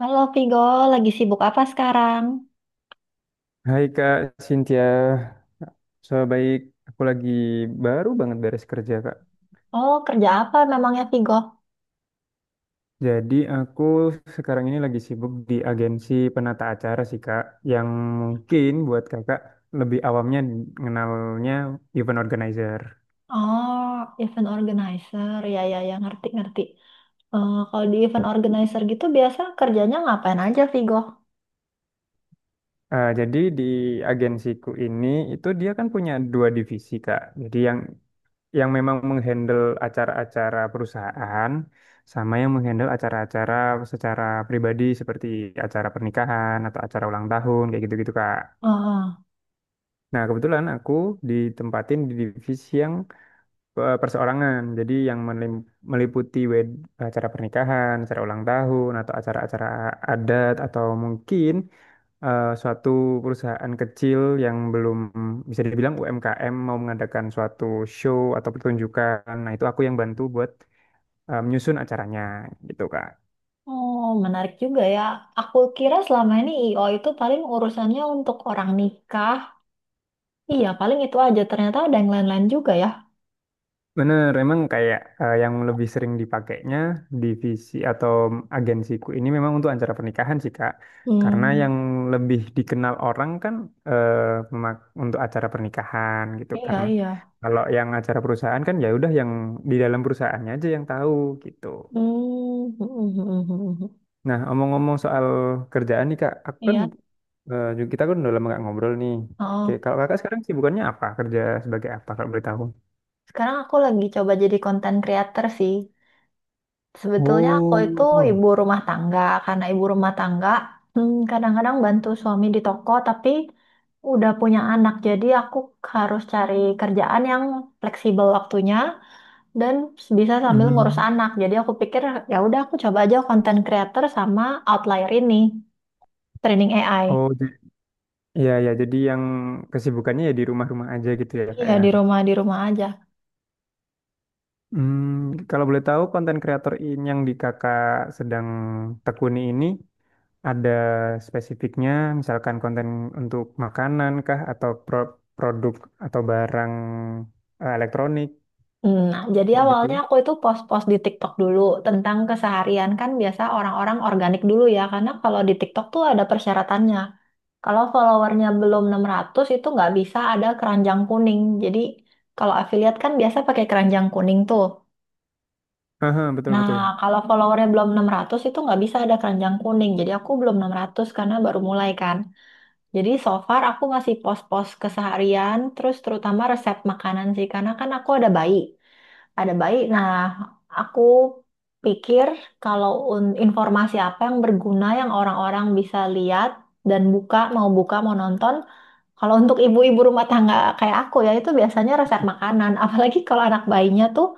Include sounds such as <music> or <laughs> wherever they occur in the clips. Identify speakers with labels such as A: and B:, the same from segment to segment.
A: Halo Vigo, lagi sibuk apa sekarang?
B: Hai Kak Cynthia, so baik. Aku lagi baru banget beres kerja Kak.
A: Oh, kerja apa memangnya Vigo?
B: Jadi aku sekarang ini lagi sibuk di agensi penata acara sih Kak, yang mungkin buat Kakak lebih awamnya mengenalnya event organizer.
A: Oh, event organizer, ya ya ya ngerti ngerti. Eh, kalau di event organizer gitu biasa kerjanya ngapain aja Vigo?
B: Jadi di agensiku ini itu dia kan punya dua divisi Kak. Jadi yang memang menghandle acara-acara perusahaan sama yang menghandle acara-acara secara pribadi seperti acara pernikahan atau acara ulang tahun kayak gitu-gitu Kak.
A: Ah.
B: Nah, kebetulan aku ditempatin di divisi yang perseorangan. Jadi yang meliputi acara pernikahan, acara ulang tahun atau acara-acara adat atau mungkin suatu perusahaan kecil yang belum bisa dibilang UMKM mau mengadakan suatu show atau pertunjukan. Nah, itu aku yang bantu buat menyusun acaranya gitu, Kak.
A: Oh menarik juga ya. Aku kira selama ini IO itu paling urusannya untuk orang nikah. Iya, paling itu aja. Ternyata ada yang lain-lain juga ya.
B: Bener, emang kayak yang lebih sering dipakainya divisi atau agensiku ini memang untuk acara pernikahan sih, Kak. Karena
A: Hmm,
B: yang lebih dikenal orang kan eh, untuk acara pernikahan gitu
A: iya
B: karena
A: iya.
B: kalau yang acara perusahaan kan ya udah yang di dalam perusahaannya aja yang tahu gitu.
A: Hmm,
B: Nah, omong-omong soal kerjaan nih Kak, aku
A: <laughs>
B: kan
A: iya.
B: kita kan udah lama nggak ngobrol nih. Oke,
A: Oh,
B: kalau Kakak sekarang sibukannya apa? Kerja sebagai apa kalau boleh tahu?
A: sekarang aku lagi coba jadi konten creator sih. Sebetulnya aku itu
B: Oh.
A: ibu rumah tangga, karena ibu rumah tangga kadang-kadang bantu suami di toko, tapi udah punya anak, jadi aku harus cari kerjaan yang fleksibel waktunya dan bisa sambil ngurus
B: Hmm.
A: anak. Jadi aku pikir ya udah aku coba aja content creator sama outlier ini, training AI.
B: Oh, iya ya, jadi yang kesibukannya ya di rumah-rumah aja gitu ya Kak
A: Iya
B: ya.
A: di rumah aja.
B: Hmm, kalau boleh tahu konten kreator ini yang di Kakak sedang tekuni ini ada spesifiknya misalkan konten untuk makanan kah atau produk atau barang elektronik
A: Hmm. Nah, jadi
B: kayak gitu?
A: awalnya aku itu post-post di TikTok dulu tentang keseharian kan biasa orang-orang organik dulu ya, karena kalau di TikTok tuh ada persyaratannya. Kalau followernya belum 600 itu nggak bisa ada keranjang kuning. Jadi kalau affiliate kan biasa pakai keranjang kuning tuh.
B: Aha, betul,
A: Nah,
B: betul,
A: kalau followernya belum 600 itu nggak bisa ada keranjang kuning. Jadi aku belum 600 karena baru mulai kan. Jadi so far aku ngasih post-post keseharian, terus terutama resep makanan sih. Karena kan aku ada bayi ada bayi. Nah, aku pikir kalau informasi apa yang berguna yang orang-orang bisa lihat dan buka, mau nonton, kalau untuk ibu-ibu rumah tangga kayak aku ya itu biasanya resep makanan. <laughs> Apalagi kalau anak bayinya tuh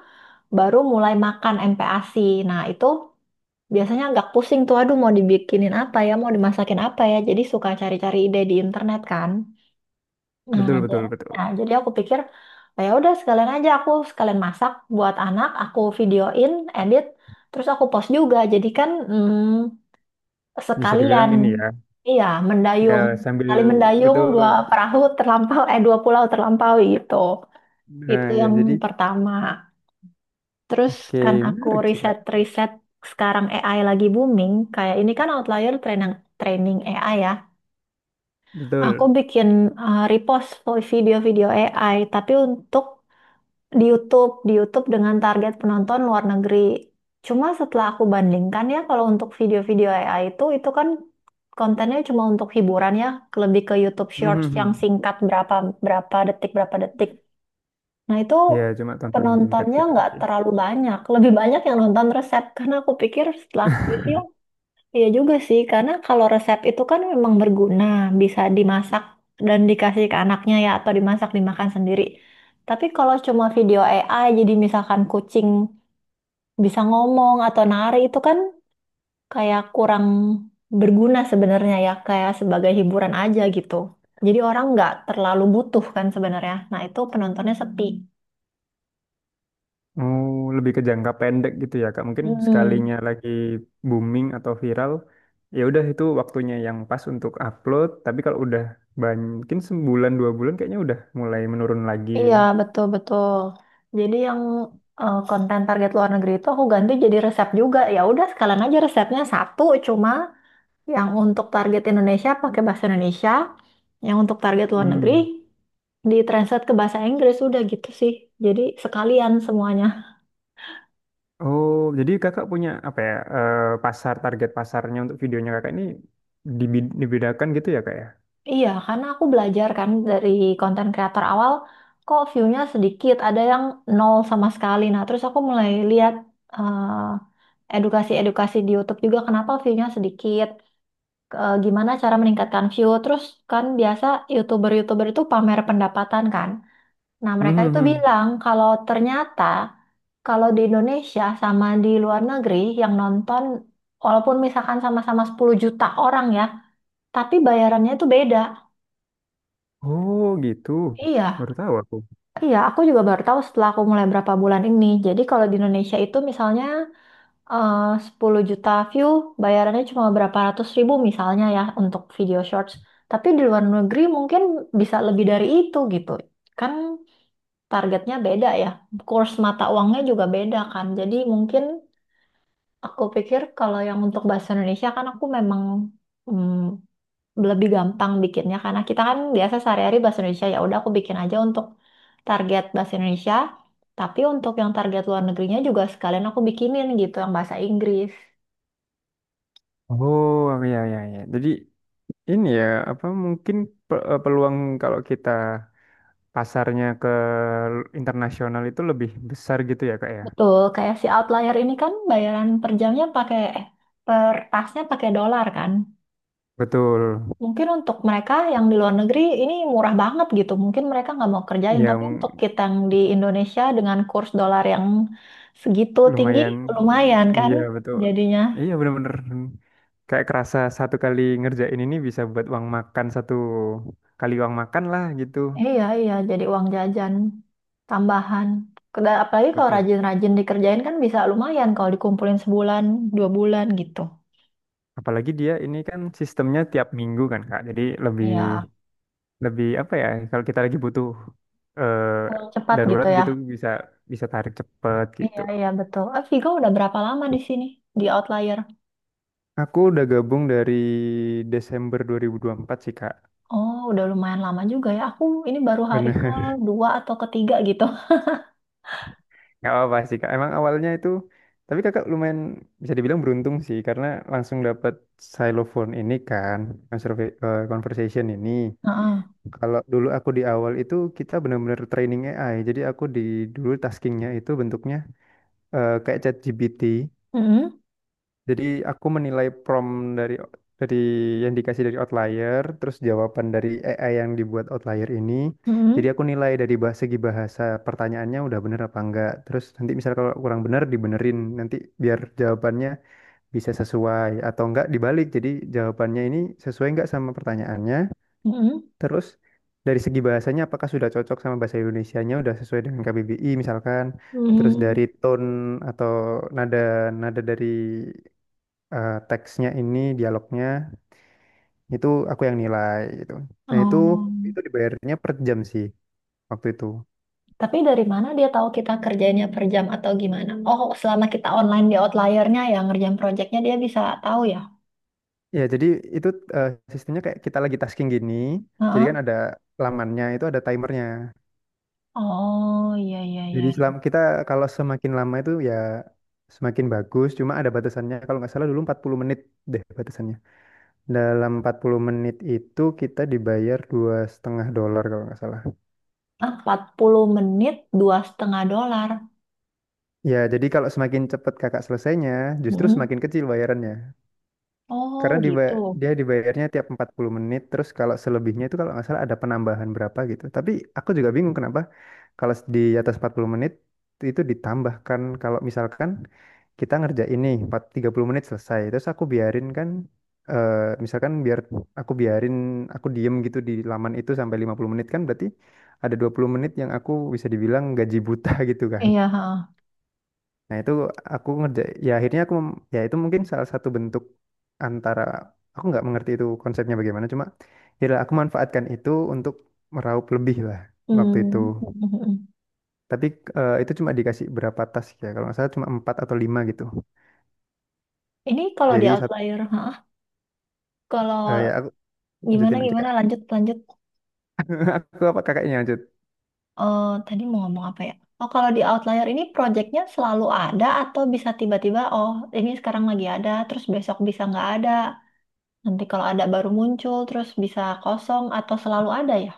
A: baru mulai makan MPASI. Nah, itu biasanya agak pusing tuh, aduh mau dibikinin apa ya, mau dimasakin apa ya. Jadi suka cari-cari ide di internet kan. Nah,
B: betul, betul,
A: ja-
B: betul,
A: nah, jadi aku pikir, "Ah, ya udah sekalian aja aku sekalian masak buat anak, aku videoin, edit, terus aku post juga. Jadi kan
B: bisa dibilang
A: sekalian,
B: ini ya,
A: iya mendayung,
B: ya, sambil,
A: kali mendayung dua
B: betul,
A: perahu terlampau, eh dua pulau terlampaui gitu.
B: nah
A: Itu
B: ya jadi,
A: yang pertama. Terus
B: oke,
A: kan aku
B: menarik sih kak,
A: riset-riset sekarang AI lagi booming, kayak ini kan Outlier training training AI ya. Aku
B: betul.
A: bikin repost video-video AI, tapi untuk di YouTube, dengan target penonton luar negeri. Cuma setelah aku bandingkan ya, kalau untuk video-video AI itu, kan kontennya cuma untuk hiburan ya, lebih ke YouTube Shorts yang
B: Mhm.
A: singkat berapa berapa detik berapa detik. Nah itu
B: Ya cuma tontonan singkat
A: penontonnya
B: gitu,
A: nggak
B: oke.
A: terlalu banyak, lebih banyak yang nonton resep karena aku pikir setelah aku review.
B: <laughs>
A: Iya juga sih, karena kalau resep itu kan memang berguna, bisa dimasak dan dikasih ke anaknya ya, atau dimasak dimakan sendiri. Tapi kalau cuma video AI, jadi misalkan kucing bisa ngomong atau nari itu kan kayak kurang berguna sebenarnya ya, kayak sebagai hiburan aja gitu. Jadi orang nggak terlalu butuh kan sebenarnya. Nah itu penontonnya sepi.
B: Oh, lebih ke jangka pendek gitu ya, Kak. Mungkin
A: Hmm.
B: sekalinya lagi booming atau viral, ya udah itu waktunya yang pas untuk upload. Tapi kalau udah mungkin sebulan 2 bulan kayaknya udah mulai menurun lagi.
A: Iya, betul-betul. Jadi yang eh, konten target luar negeri itu aku ganti jadi resep juga. Ya udah sekalian aja resepnya satu cuma yang untuk target Indonesia pakai bahasa Indonesia, yang untuk target luar negeri
B: Hmm.
A: ditranslate ke bahasa Inggris udah gitu sih. Jadi sekalian semuanya.
B: Oh, jadi kakak punya apa ya pasar target pasarnya untuk videonya kakak ini dibedakan gitu ya kak ya?
A: Iya, karena aku belajar kan dari konten kreator awal kok view-nya sedikit, ada yang nol sama sekali. Nah, terus aku mulai lihat edukasi-edukasi di YouTube juga kenapa view-nya sedikit. Gimana cara meningkatkan view. Terus kan biasa YouTuber-YouTuber itu pamer pendapatan kan. Nah,
B: Hmm,
A: mereka
B: hmm,
A: itu
B: hmm.
A: bilang kalau ternyata kalau di Indonesia sama di luar negeri yang nonton walaupun misalkan sama-sama 10 juta orang ya, tapi bayarannya itu beda.
B: Oh gitu,
A: Iya,
B: baru tahu aku.
A: iya, aku juga baru tahu setelah aku mulai berapa bulan ini. Jadi kalau di Indonesia itu misalnya eh 10 juta view, bayarannya cuma berapa ratus ribu misalnya ya untuk video shorts. Tapi di luar negeri mungkin bisa lebih dari itu gitu. Kan targetnya beda ya. Kurs mata uangnya juga beda kan. Jadi mungkin aku pikir kalau yang untuk bahasa Indonesia kan aku memang mm, lebih gampang bikinnya karena kita kan biasa sehari-hari bahasa Indonesia ya udah aku bikin aja untuk target bahasa Indonesia. Tapi untuk yang target luar negerinya juga sekalian aku bikinin gitu yang bahasa Inggris.
B: Oh ya ya ya. Jadi ini ya apa mungkin peluang kalau kita pasarnya ke internasional itu lebih besar gitu ya kak ya?
A: Betul, kayak si outlier ini kan bayaran per jamnya pakai eh, per tasnya pakai dolar kan.
B: Betul.
A: Mungkin untuk mereka yang di luar negeri ini murah banget gitu. Mungkin mereka nggak mau kerjain, tapi untuk
B: Yang
A: kita yang di Indonesia dengan kurs dolar yang segitu tinggi
B: lumayan,
A: lumayan kan
B: iya betul,
A: jadinya.
B: iya, bener-bener kayak kerasa satu kali ngerjain ini bisa buat uang makan satu kali uang makan lah gitu,
A: Iya, iya, jadi uang jajan tambahan. Apalagi kalau
B: betul.
A: rajin-rajin dikerjain kan bisa lumayan kalau dikumpulin sebulan, dua bulan gitu.
B: Apalagi dia ini kan sistemnya tiap minggu kan Kak, jadi lebih
A: Iya,
B: lebih apa ya kalau kita lagi butuh
A: uang cepat gitu
B: darurat
A: ya.
B: gitu bisa bisa tarik cepet
A: Iya,
B: gitu.
A: iya, betul. Eh, Vigo udah berapa lama di sini? Di Outlier?
B: Aku udah gabung dari Desember 2024 sih Kak.
A: Oh, udah lumayan lama juga ya. Aku ini baru hari
B: Bener.
A: kedua atau ketiga gitu.
B: Gak apa-apa sih kak. Emang awalnya itu, tapi kakak lumayan bisa dibilang beruntung sih karena langsung dapat xylophone ini kan, conversation ini.
A: <laughs> Heeh.
B: Kalau dulu aku di awal itu kita benar-benar training AI. Jadi aku dulu taskingnya itu bentuknya kayak ChatGPT.
A: Mm-mm,
B: Jadi aku menilai prompt dari yang dikasih dari outlier, terus jawaban dari AI yang dibuat outlier ini.
A: mm-mm,
B: Jadi aku nilai dari segi bahasa pertanyaannya udah bener apa enggak. Terus nanti misal kalau kurang bener dibenerin nanti biar jawabannya bisa sesuai atau enggak dibalik. Jadi jawabannya ini sesuai enggak sama pertanyaannya.
A: mm-mm,
B: Terus dari segi bahasanya apakah sudah cocok sama bahasa Indonesianya udah sesuai dengan KBBI misalkan. Terus
A: mm.
B: dari tone atau nada, dari teksnya ini dialognya itu aku yang nilai gitu. Nah itu,
A: Oh.
B: dibayarnya per jam sih waktu itu.
A: Tapi dari mana dia tahu kita kerjanya per jam atau gimana? Oh, selama kita online di Outlier-nya ya, ngerjain project-nya dia bisa tahu ya?
B: Ya jadi itu sistemnya kayak kita lagi tasking gini, jadi
A: Heeh.
B: kan ada lamannya itu ada timernya.
A: Oh, iya, iya, iya.
B: Jadi selam kita kalau semakin lama itu ya semakin bagus. Cuma ada batasannya kalau nggak salah dulu 40 menit deh batasannya. Dalam 40 menit itu kita dibayar 2,5 dolar kalau nggak salah.
A: Ah, 40 menit, 2,5 dolar.
B: Ya jadi kalau semakin cepat kakak selesainya, justru
A: Mm-mm.
B: semakin kecil bayarannya.
A: Oh,
B: Karena
A: gitu.
B: dia dibayarnya tiap 40 menit, terus kalau selebihnya itu kalau nggak salah ada penambahan berapa gitu. Tapi aku juga bingung kenapa kalau di atas 40 menit itu ditambahkan kalau misalkan kita ngerjain ini 30 menit selesai, terus aku biarin kan eh, misalkan biar aku biarin aku diem gitu di laman itu sampai 50 menit kan berarti ada 20 menit yang aku bisa dibilang gaji buta <laughs> gitu kan.
A: Iya, ha.
B: Nah itu aku ngerja, ya akhirnya aku, ya itu mungkin salah satu bentuk antara, aku nggak mengerti itu konsepnya bagaimana, cuma ya lah, aku manfaatkan itu untuk meraup lebih lah waktu itu.
A: Hmm. <laughs>
B: Tapi itu cuma dikasih berapa tas ya, kalau nggak salah cuma empat atau lima gitu.
A: Ini kalau di
B: Jadi sat,
A: outlier, hah?
B: ya
A: Kalau
B: aku
A: gimana
B: lanjutin aja
A: gimana
B: kak.
A: lanjut lanjut.
B: <laughs> Aku apa kakaknya lanjut.
A: Eh, tadi mau ngomong apa ya? Oh, kalau di outlier ini projectnya selalu ada atau bisa tiba-tiba, oh ini sekarang lagi ada, terus besok bisa nggak ada. Nanti kalau ada baru muncul, terus bisa kosong atau selalu ada ya?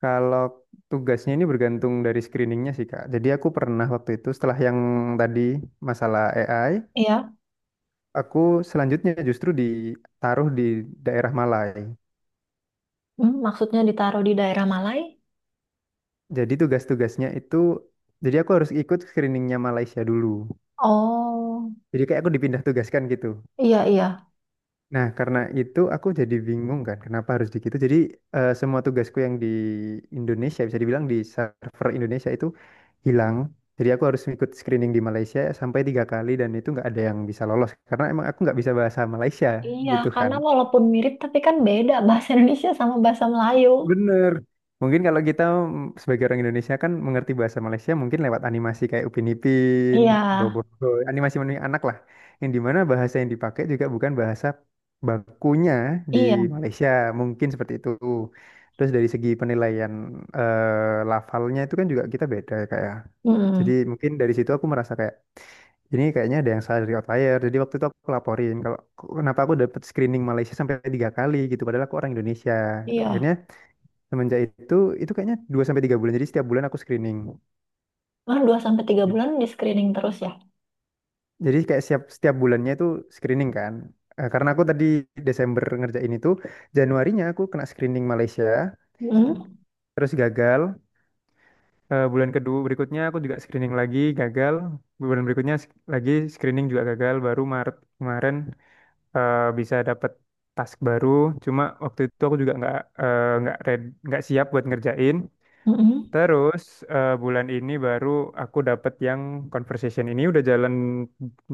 B: Kalau tugasnya ini bergantung dari screeningnya sih kak. Jadi aku pernah waktu itu setelah yang tadi masalah AI,
A: Iya.
B: aku selanjutnya justru ditaruh di daerah Malai.
A: Hmm, maksudnya ditaruh di daerah Malai?
B: Jadi tugas-tugasnya itu, jadi aku harus ikut screeningnya Malaysia dulu.
A: Oh,
B: Jadi kayak aku dipindah tugaskan gitu.
A: iya iya.
B: Nah, karena itu aku jadi bingung kan, kenapa harus di gitu. Jadi semua tugasku yang di Indonesia, bisa dibilang di server Indonesia itu hilang. Jadi aku harus ikut screening di Malaysia sampai 3 kali dan itu nggak ada yang bisa lolos. Karena emang aku nggak bisa bahasa Malaysia
A: Iya,
B: gitu kan.
A: karena walaupun mirip tapi kan beda bahasa Indonesia sama bahasa Melayu.
B: Bener. Mungkin kalau kita sebagai orang Indonesia kan mengerti bahasa Malaysia mungkin lewat animasi kayak Upin Ipin,
A: Iya,
B: Bobo, animasi menunjukkan anak lah. Yang dimana bahasa yang dipakai juga bukan bahasa bakunya di
A: iya.
B: Malaysia, mungkin seperti itu. Terus dari segi penilaian lafalnya itu kan juga kita beda kayak. Jadi
A: Mm-mm.
B: mungkin dari situ aku merasa kayak ini kayaknya ada yang salah dari outlier. Jadi waktu itu aku laporin kalau kenapa aku dapat screening Malaysia sampai 3 kali gitu padahal aku orang Indonesia. Gitu.
A: Iya.
B: Akhirnya semenjak itu kayaknya 2 sampai 3 bulan. Jadi setiap bulan aku screening.
A: Kan 2 sampai 3
B: Screen-
A: bulan di screening terus ya.
B: Jadi kayak setiap setiap bulannya itu screening kan. Karena aku tadi Desember ngerjain itu, Januarinya aku kena screening Malaysia,
A: Hmm.
B: terus gagal. Bulan kedua berikutnya aku juga screening lagi, gagal. Bulan berikutnya lagi screening juga gagal. Baru Maret kemarin bisa dapet task baru. Cuma waktu itu aku juga nggak siap buat ngerjain.
A: Mm-mm.
B: Terus bulan ini baru aku dapet yang conversation ini udah jalan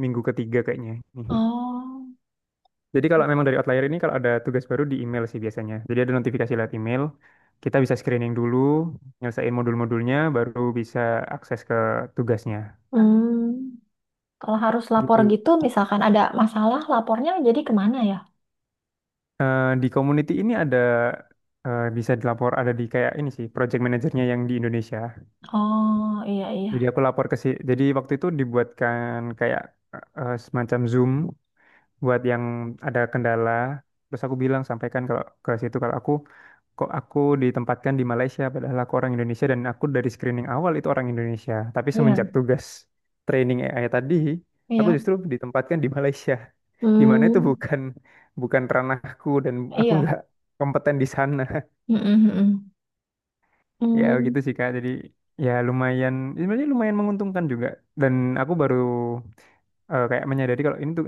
B: minggu ketiga kayaknya. Nih.
A: Oh.
B: Jadi kalau memang dari outlier ini kalau ada tugas baru di email sih biasanya. Jadi ada notifikasi lewat email, kita bisa screening dulu, nyelesain modul-modulnya, baru bisa akses ke tugasnya.
A: Hmm. Kalau harus lapor
B: Gitu.
A: gitu, misalkan ada masalah, lapornya jadi kemana ya?
B: Di community ini ada bisa dilapor ada di kayak ini sih project manajernya yang di Indonesia.
A: Oh, iya, iya.
B: Jadi aku lapor jadi waktu itu dibuatkan kayak semacam Zoom buat yang ada kendala terus aku bilang sampaikan kalau ke situ kalau aku ditempatkan di Malaysia padahal aku orang Indonesia dan aku dari screening awal itu orang Indonesia tapi
A: Iya.
B: semenjak tugas training AI tadi aku
A: Iya.
B: justru ditempatkan di Malaysia di mana itu
A: Hmm.
B: bukan bukan ranahku dan aku
A: Iya.
B: nggak kompeten di sana.
A: Mm-mm, mm-mm.
B: <laughs> Ya gitu
A: Hmm.
B: sih Kak jadi ya lumayan sebenarnya lumayan menguntungkan juga dan aku baru kayak menyadari kalau ini tuh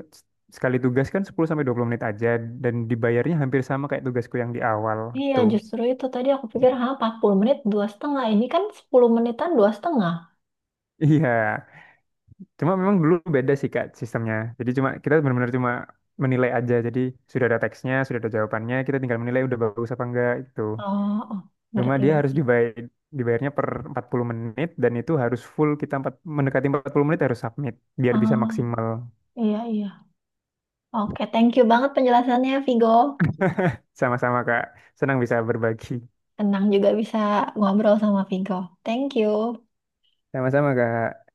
B: sekali tugas kan 10 sampai 20 menit aja dan dibayarnya hampir sama kayak tugasku yang di awal
A: Iya,
B: tuh. <laughs>
A: justru itu tadi aku pikir, ha, 40 menit, 2,5. Ini kan 10 menitan, 2,5.
B: Iya, cuma memang dulu beda sih Kak sistemnya. Jadi cuma kita benar-benar cuma menilai aja. Jadi sudah ada teksnya, sudah ada jawabannya, kita tinggal menilai udah bagus apa enggak itu.
A: Oh, oh,
B: Cuma
A: ngerti,
B: dia harus
A: ngerti.
B: dibayarnya per 40 menit dan itu harus full mendekati 40 menit harus submit biar bisa
A: Oh,
B: maksimal.
A: iya, iya. Oke, thank you banget penjelasannya, Vigo.
B: Sama-sama Kak, senang bisa berbagi.
A: Tenang juga bisa ngobrol sama Vigo. Thank you.
B: Sama-sama Kak.